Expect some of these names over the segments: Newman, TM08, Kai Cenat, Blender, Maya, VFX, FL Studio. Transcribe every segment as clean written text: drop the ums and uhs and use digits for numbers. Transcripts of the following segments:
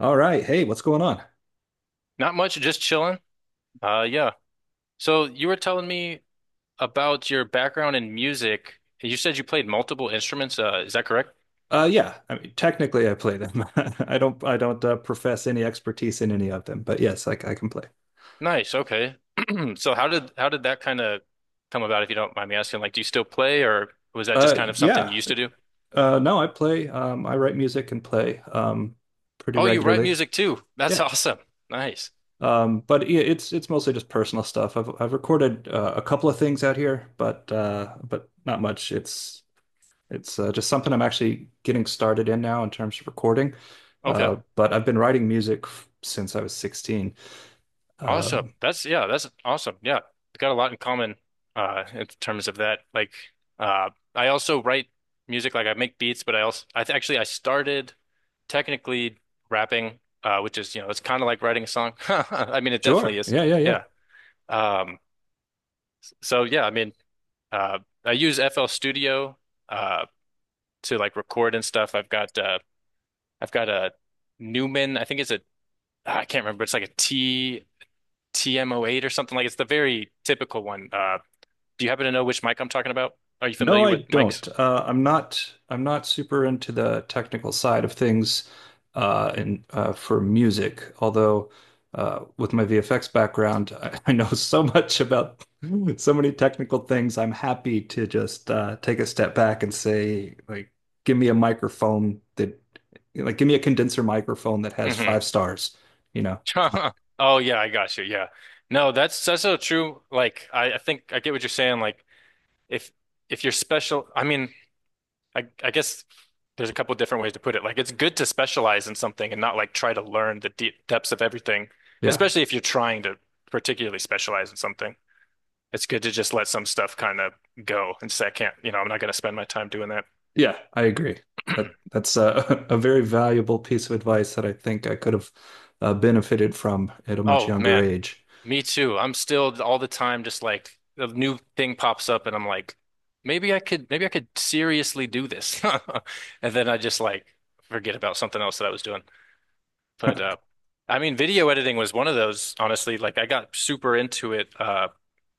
All right. Hey, what's going on? Not much, just chilling. Uh, yeah. So you were telling me about your background in music. You said you played multiple instruments. Is that correct? Yeah. I mean, technically, I play them. I don't. I don't profess any expertise in any of them, but yes, I can play. Nice. Okay. So how did that kind of come about, if you don't mind me asking? Like, do you still play, or was that just kind of something you Yeah. used to do? No, I play. I write music and play pretty Oh, you write regularly. music too. That's Yeah. awesome. Nice. But it's mostly just personal stuff. I've recorded a couple of things out here, but not much. It's just something I'm actually getting started in now in terms of recording. Okay. But I've been writing music since I was 16. Awesome. Um, That's yeah, that's awesome. Yeah. Got a lot in common in terms of that. Like I also write music, like I make beats, but I also I th actually I started technically rapping, which is, you know, it's kind of like writing a song. I mean, it definitely Sure. is. Yeah, yeah, yeah. Yeah. Um so yeah, I mean, uh I use FL Studio uh to like record and stuff. I've got a Newman, I think it's a I can't remember, it's like a T TM08 or something like it's the very typical one. Do you happen to know which mic I'm talking about? Are you No, familiar I with mics? don't. I'm not. I'm not super into the technical side of things, and for music. Although, with my VFX background, I know so much about so many technical things. I'm happy to just take a step back and say, like, give me a microphone that, like, give me a condenser microphone that has Hmm. five stars. You know? Fine. Oh yeah, I got you. Yeah. No, that's so true. Like I think I get what you're saying. Like if if you're special, I mean, I guess there's a couple different ways to put it. Like it's good to specialize in something and not like try to learn the deep depths of everything, Yeah. especially if you're trying to particularly specialize in something. It's good to just let some stuff kind of go and say, I can't, you know, I'm not going to spend my time doing that. Yeah, I agree. That that's a, a very valuable piece of advice that I think I could have benefited from at a much Oh younger man, age. me too. I'm still all the time just like a new thing pops up and I'm like, maybe I could seriously do this. And then I just like forget about something else that I was doing. But I mean video editing was one of those, honestly. Like I got super into it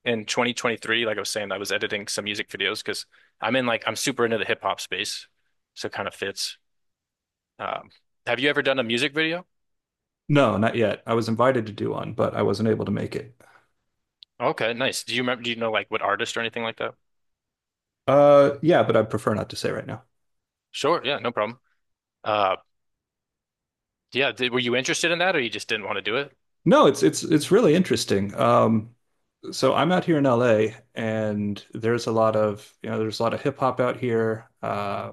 in 2023, like I was saying, I was editing some music videos because I'm in like I'm super into the hip hop space. So it kind of fits. Um have you ever done a music video? No, not yet. I was invited to do one, but I wasn't able to make it. Okay, nice. Do you know like what artist or anything like that? Yeah, but I prefer not to say right now. Sure. Yeah, no problem. Uh, were you interested in that or you just didn't want to do it? No, it's really interesting. So I'm out here in LA, and there's a lot of, there's a lot of hip hop out here uh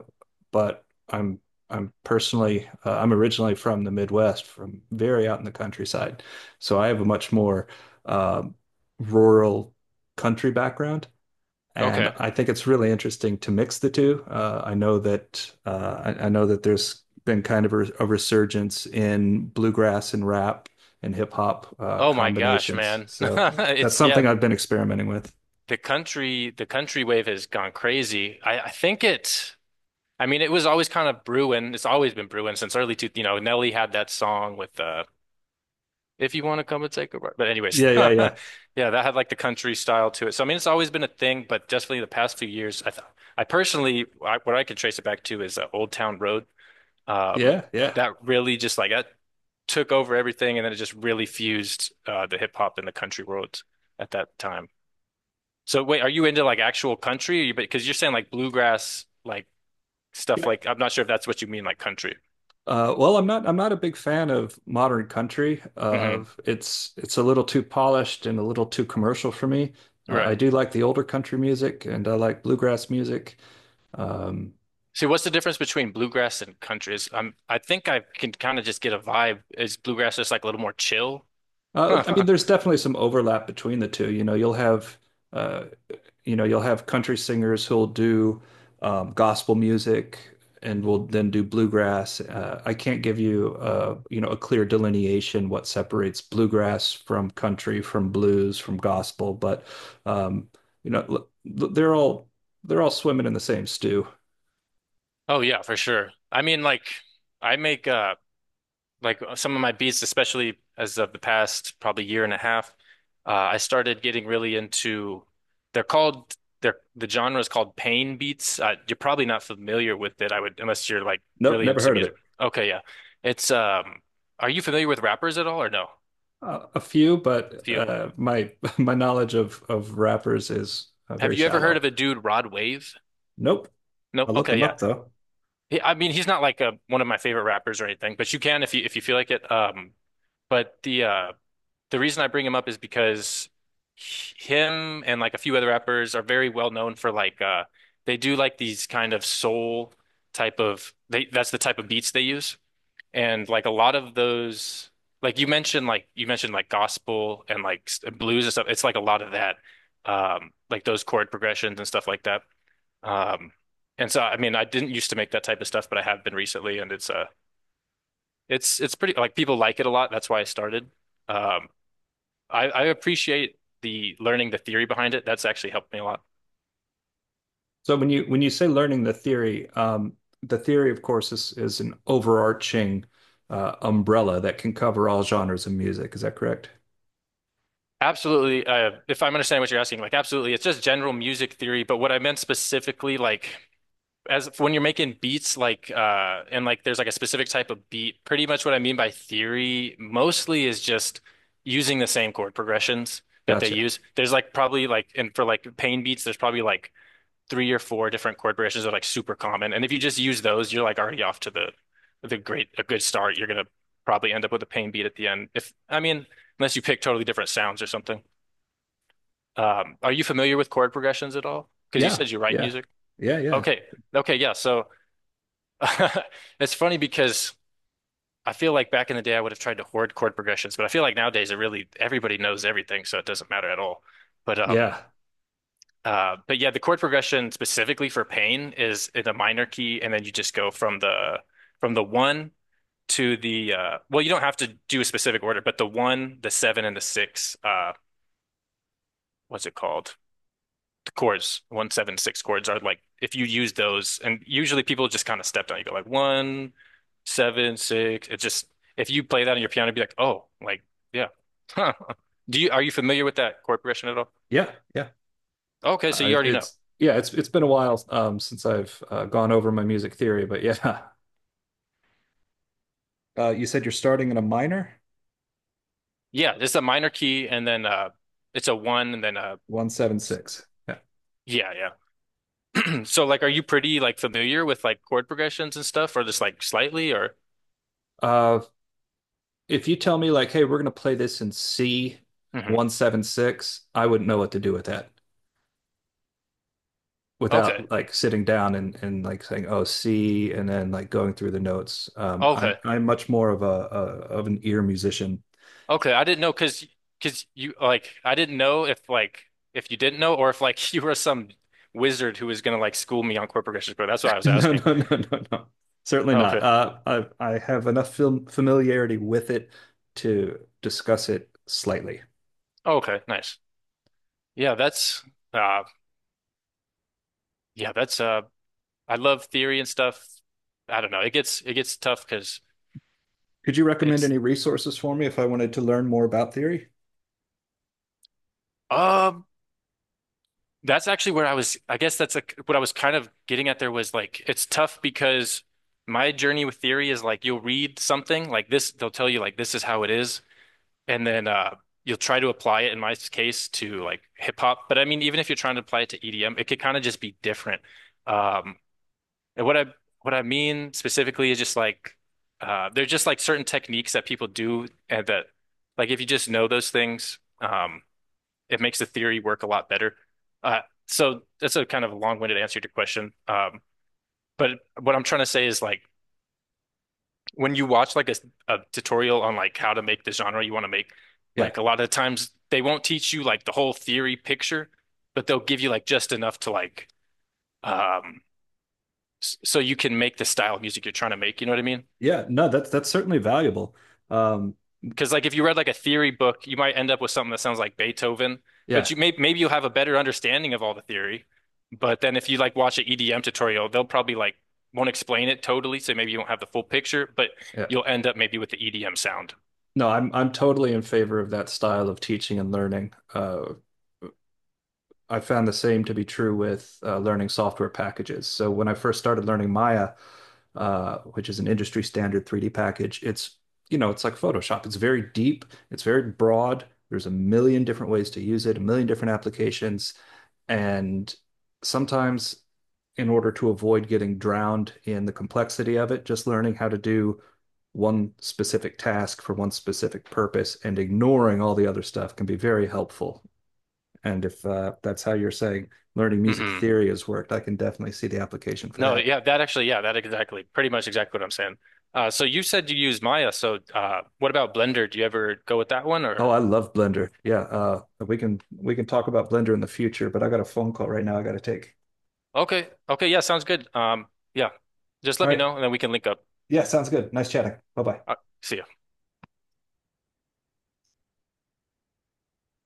but I'm personally I'm originally from the Midwest, from very out in the countryside, so I have a much more um rural country background, and Okay. I think it's really interesting to mix the two. I know that I know that there's been kind of a resurgence in bluegrass and rap and hip hop Oh my gosh, combinations. man. So that's It's something yeah, I've been experimenting with. The country wave has gone crazy. I think it I mean it was always kind of brewing. It's always been brewing since early two, you know, Nelly had that song with If You Want to Come and Take a Ride. But anyways, Yeah, yeah, yeah, yeah, that had like the country style to it. So I mean it's always been a thing, but definitely the past few years I th I personally what I could trace it back to is Old Town Road. Um, yeah, yeah. that really just like that took over everything, and then it just really fused the hip hop and the country world at that time. So wait, are you into like actual country? Or you, because you're saying like bluegrass, like stuff Yeah. like I'm not sure if that's what you mean, like country. Well, I'm not. I'm not a big fan of modern country. Hmm. Of it's a little too polished and a little too commercial for me. I Right. do like the older country music, and I like bluegrass music. Um, See, what's the difference between bluegrass and country? Is I think I can kind of just get a vibe. Is bluegrass just like a little more chill? I mean, there's definitely some overlap between the two. You know, you'll have, uh, you know, you'll have country singers who'll do gospel music and will then do bluegrass. I can't give you, you know, a clear delineation what separates bluegrass from country, from blues, from gospel, but um, you know, they're all swimming in the same stew. Oh yeah, for sure. I mean, like I make some of my beats, especially as of the past probably year and a half, I started getting really into. They're called they're the genre is called pain beats. You're probably not familiar with it, I would unless you're like Nope, really never into heard of music. it. Okay, yeah, it's Are you familiar with rappers at all or no? A few, but Few. uh, my my knowledge of rappers is Have very you ever heard of shallow. a dude Rod Wave? Nope. No. I'll look Okay, them yeah. up though. I mean, he's not like a one of my favorite rappers or anything, but you can if you feel like it. But the reason I bring him up is because him and like a few other rappers are very well known for like they do like these kind of soul type of they that's the type of beats they use and like a lot of those like you mentioned like gospel and like blues and stuff, it's like a lot of that, like those chord progressions and stuff like that, um and so I mean I didn't used to make that type of stuff but I have been recently and it's it's pretty like people like it a lot, that's why I started. um I appreciate the learning the theory behind it. That's actually helped me a lot. So when you say learning the theory, of course, is an overarching umbrella that can cover all genres of music. Is that correct? Absolutely. If I'm understanding what you're asking, like absolutely, it's just general music theory. But what I meant specifically, like as when you're making beats, like and like there's like a specific type of beat. Pretty much what I mean by theory mostly is just using the same chord progressions that they Gotcha. use. There's like probably like and for like pain beats, there's probably like three or four different chord progressions are like super common. And if you just use those, you're like already off to the great a good start. You're gonna probably end up with a pain beat at the end. If I mean, unless you pick totally different sounds or something. Are you familiar with chord progressions at all? Because you Yeah, said you write yeah, music. yeah, yeah, Okay. Okay, yeah. So it's funny because I feel like back in the day I would have tried to hoard chord progressions, but I feel like nowadays it really everybody knows everything, so it doesn't matter at all. But um yeah, but yeah, the chord progression specifically for pain is in a minor key, and then you just go from the one to the well, you don't have to do a specific order, but the one, the seven, and the six, what's it called? The chords, one, seven, six chords are like if you use those, and usually people just kind of step down. You go like one, seven, six. It just if you play that on your piano, it'd be like, oh, like yeah. Huh. Do you are you familiar with that chord progression at all? yeah, yeah. Okay, so you already know. It's yeah, it's been a while since I've gone over my music theory, but yeah. You said you're starting in a minor, Yeah, it's a minor key and then it's a one and then 1 7 6. Yeah. yeah, yeah. So like are you pretty like familiar with like chord progressions and stuff or just like slightly or Uh, if you tell me like, hey, we're gonna play this in C Mhm. 1 7 6, I wouldn't know what to do with that Okay. without like sitting down and like saying, oh, C, and then like going through the notes. I, Okay. I'm much more of a of an ear musician. Okay. I didn't know because you like I didn't know if like if you didn't know or if like you were some wizard who was gonna like school me on chord progressions, but that's what I was No, asking. no, no, no, no. Certainly not. Okay. Uh, I, I have enough film familiarity with it to discuss it slightly. Okay, nice. Yeah, that's uh yeah, that's uh I love theory and stuff. I don't know. It gets tough because Could you recommend it's any resources for me if I wanted to learn more about theory? um that's actually where I was, I guess that's like what I was kind of getting at there was like, it's tough because my journey with theory is like, you'll read something like this, they'll tell you like, this is how it is. And then, you'll try to apply it in my case to like hip hop. But I mean, even if you're trying to apply it to EDM, it could kind of just be different. Um, and what I, what I mean specifically is just like, they're just like certain techniques that people do and that like, if you just know those things, it makes the theory work a lot better. Uh, so that's a kind of long-winded answer to your question. But what I'm trying to say is like when you watch like a tutorial on like how to make the genre you want to make, Yeah. like a lot of times they won't teach you like the whole theory picture, but they'll give you like just enough to like um, so you can make the style of music you're trying to make. You know what I mean? Yeah. No, that's certainly valuable. Um, Because like if you read like a theory book, you might end up with something that sounds like Beethoven, yeah. but you may maybe you'll have a better understanding of all the theory. But then if you like watch an EDM tutorial, they'll probably like won't explain it totally, so maybe you don't have the full picture, but Yeah. you'll end up maybe with the EDM sound. No, I'm totally in favor of that style of teaching and learning. I found the same to be true with learning software packages. So when I first started learning Maya, which is an industry standard 3D package. It's, you know, it's like Photoshop. It's very deep, it's very broad. There's a million different ways to use it, a million different applications. And sometimes, in order to avoid getting drowned in the complexity of it, just learning how to do one specific task for one specific purpose and ignoring all the other stuff can be very helpful. And if that's how you're saying learning music Hmm. theory has worked, I can definitely see the application for No, that. yeah, that actually, yeah, that exactly, pretty much exactly what I'm saying. So you said you use Maya, so what about Blender? Do you ever go with that one Oh, or? I love Blender. Yeah, we can talk about Blender in the future, but I got a phone call right now I got to take. Okay, okay, yeah, sounds good. Yeah, just All let me right. know and then we can link up. Yeah, sounds good. Nice chatting. Bye-bye. Uh, see ya.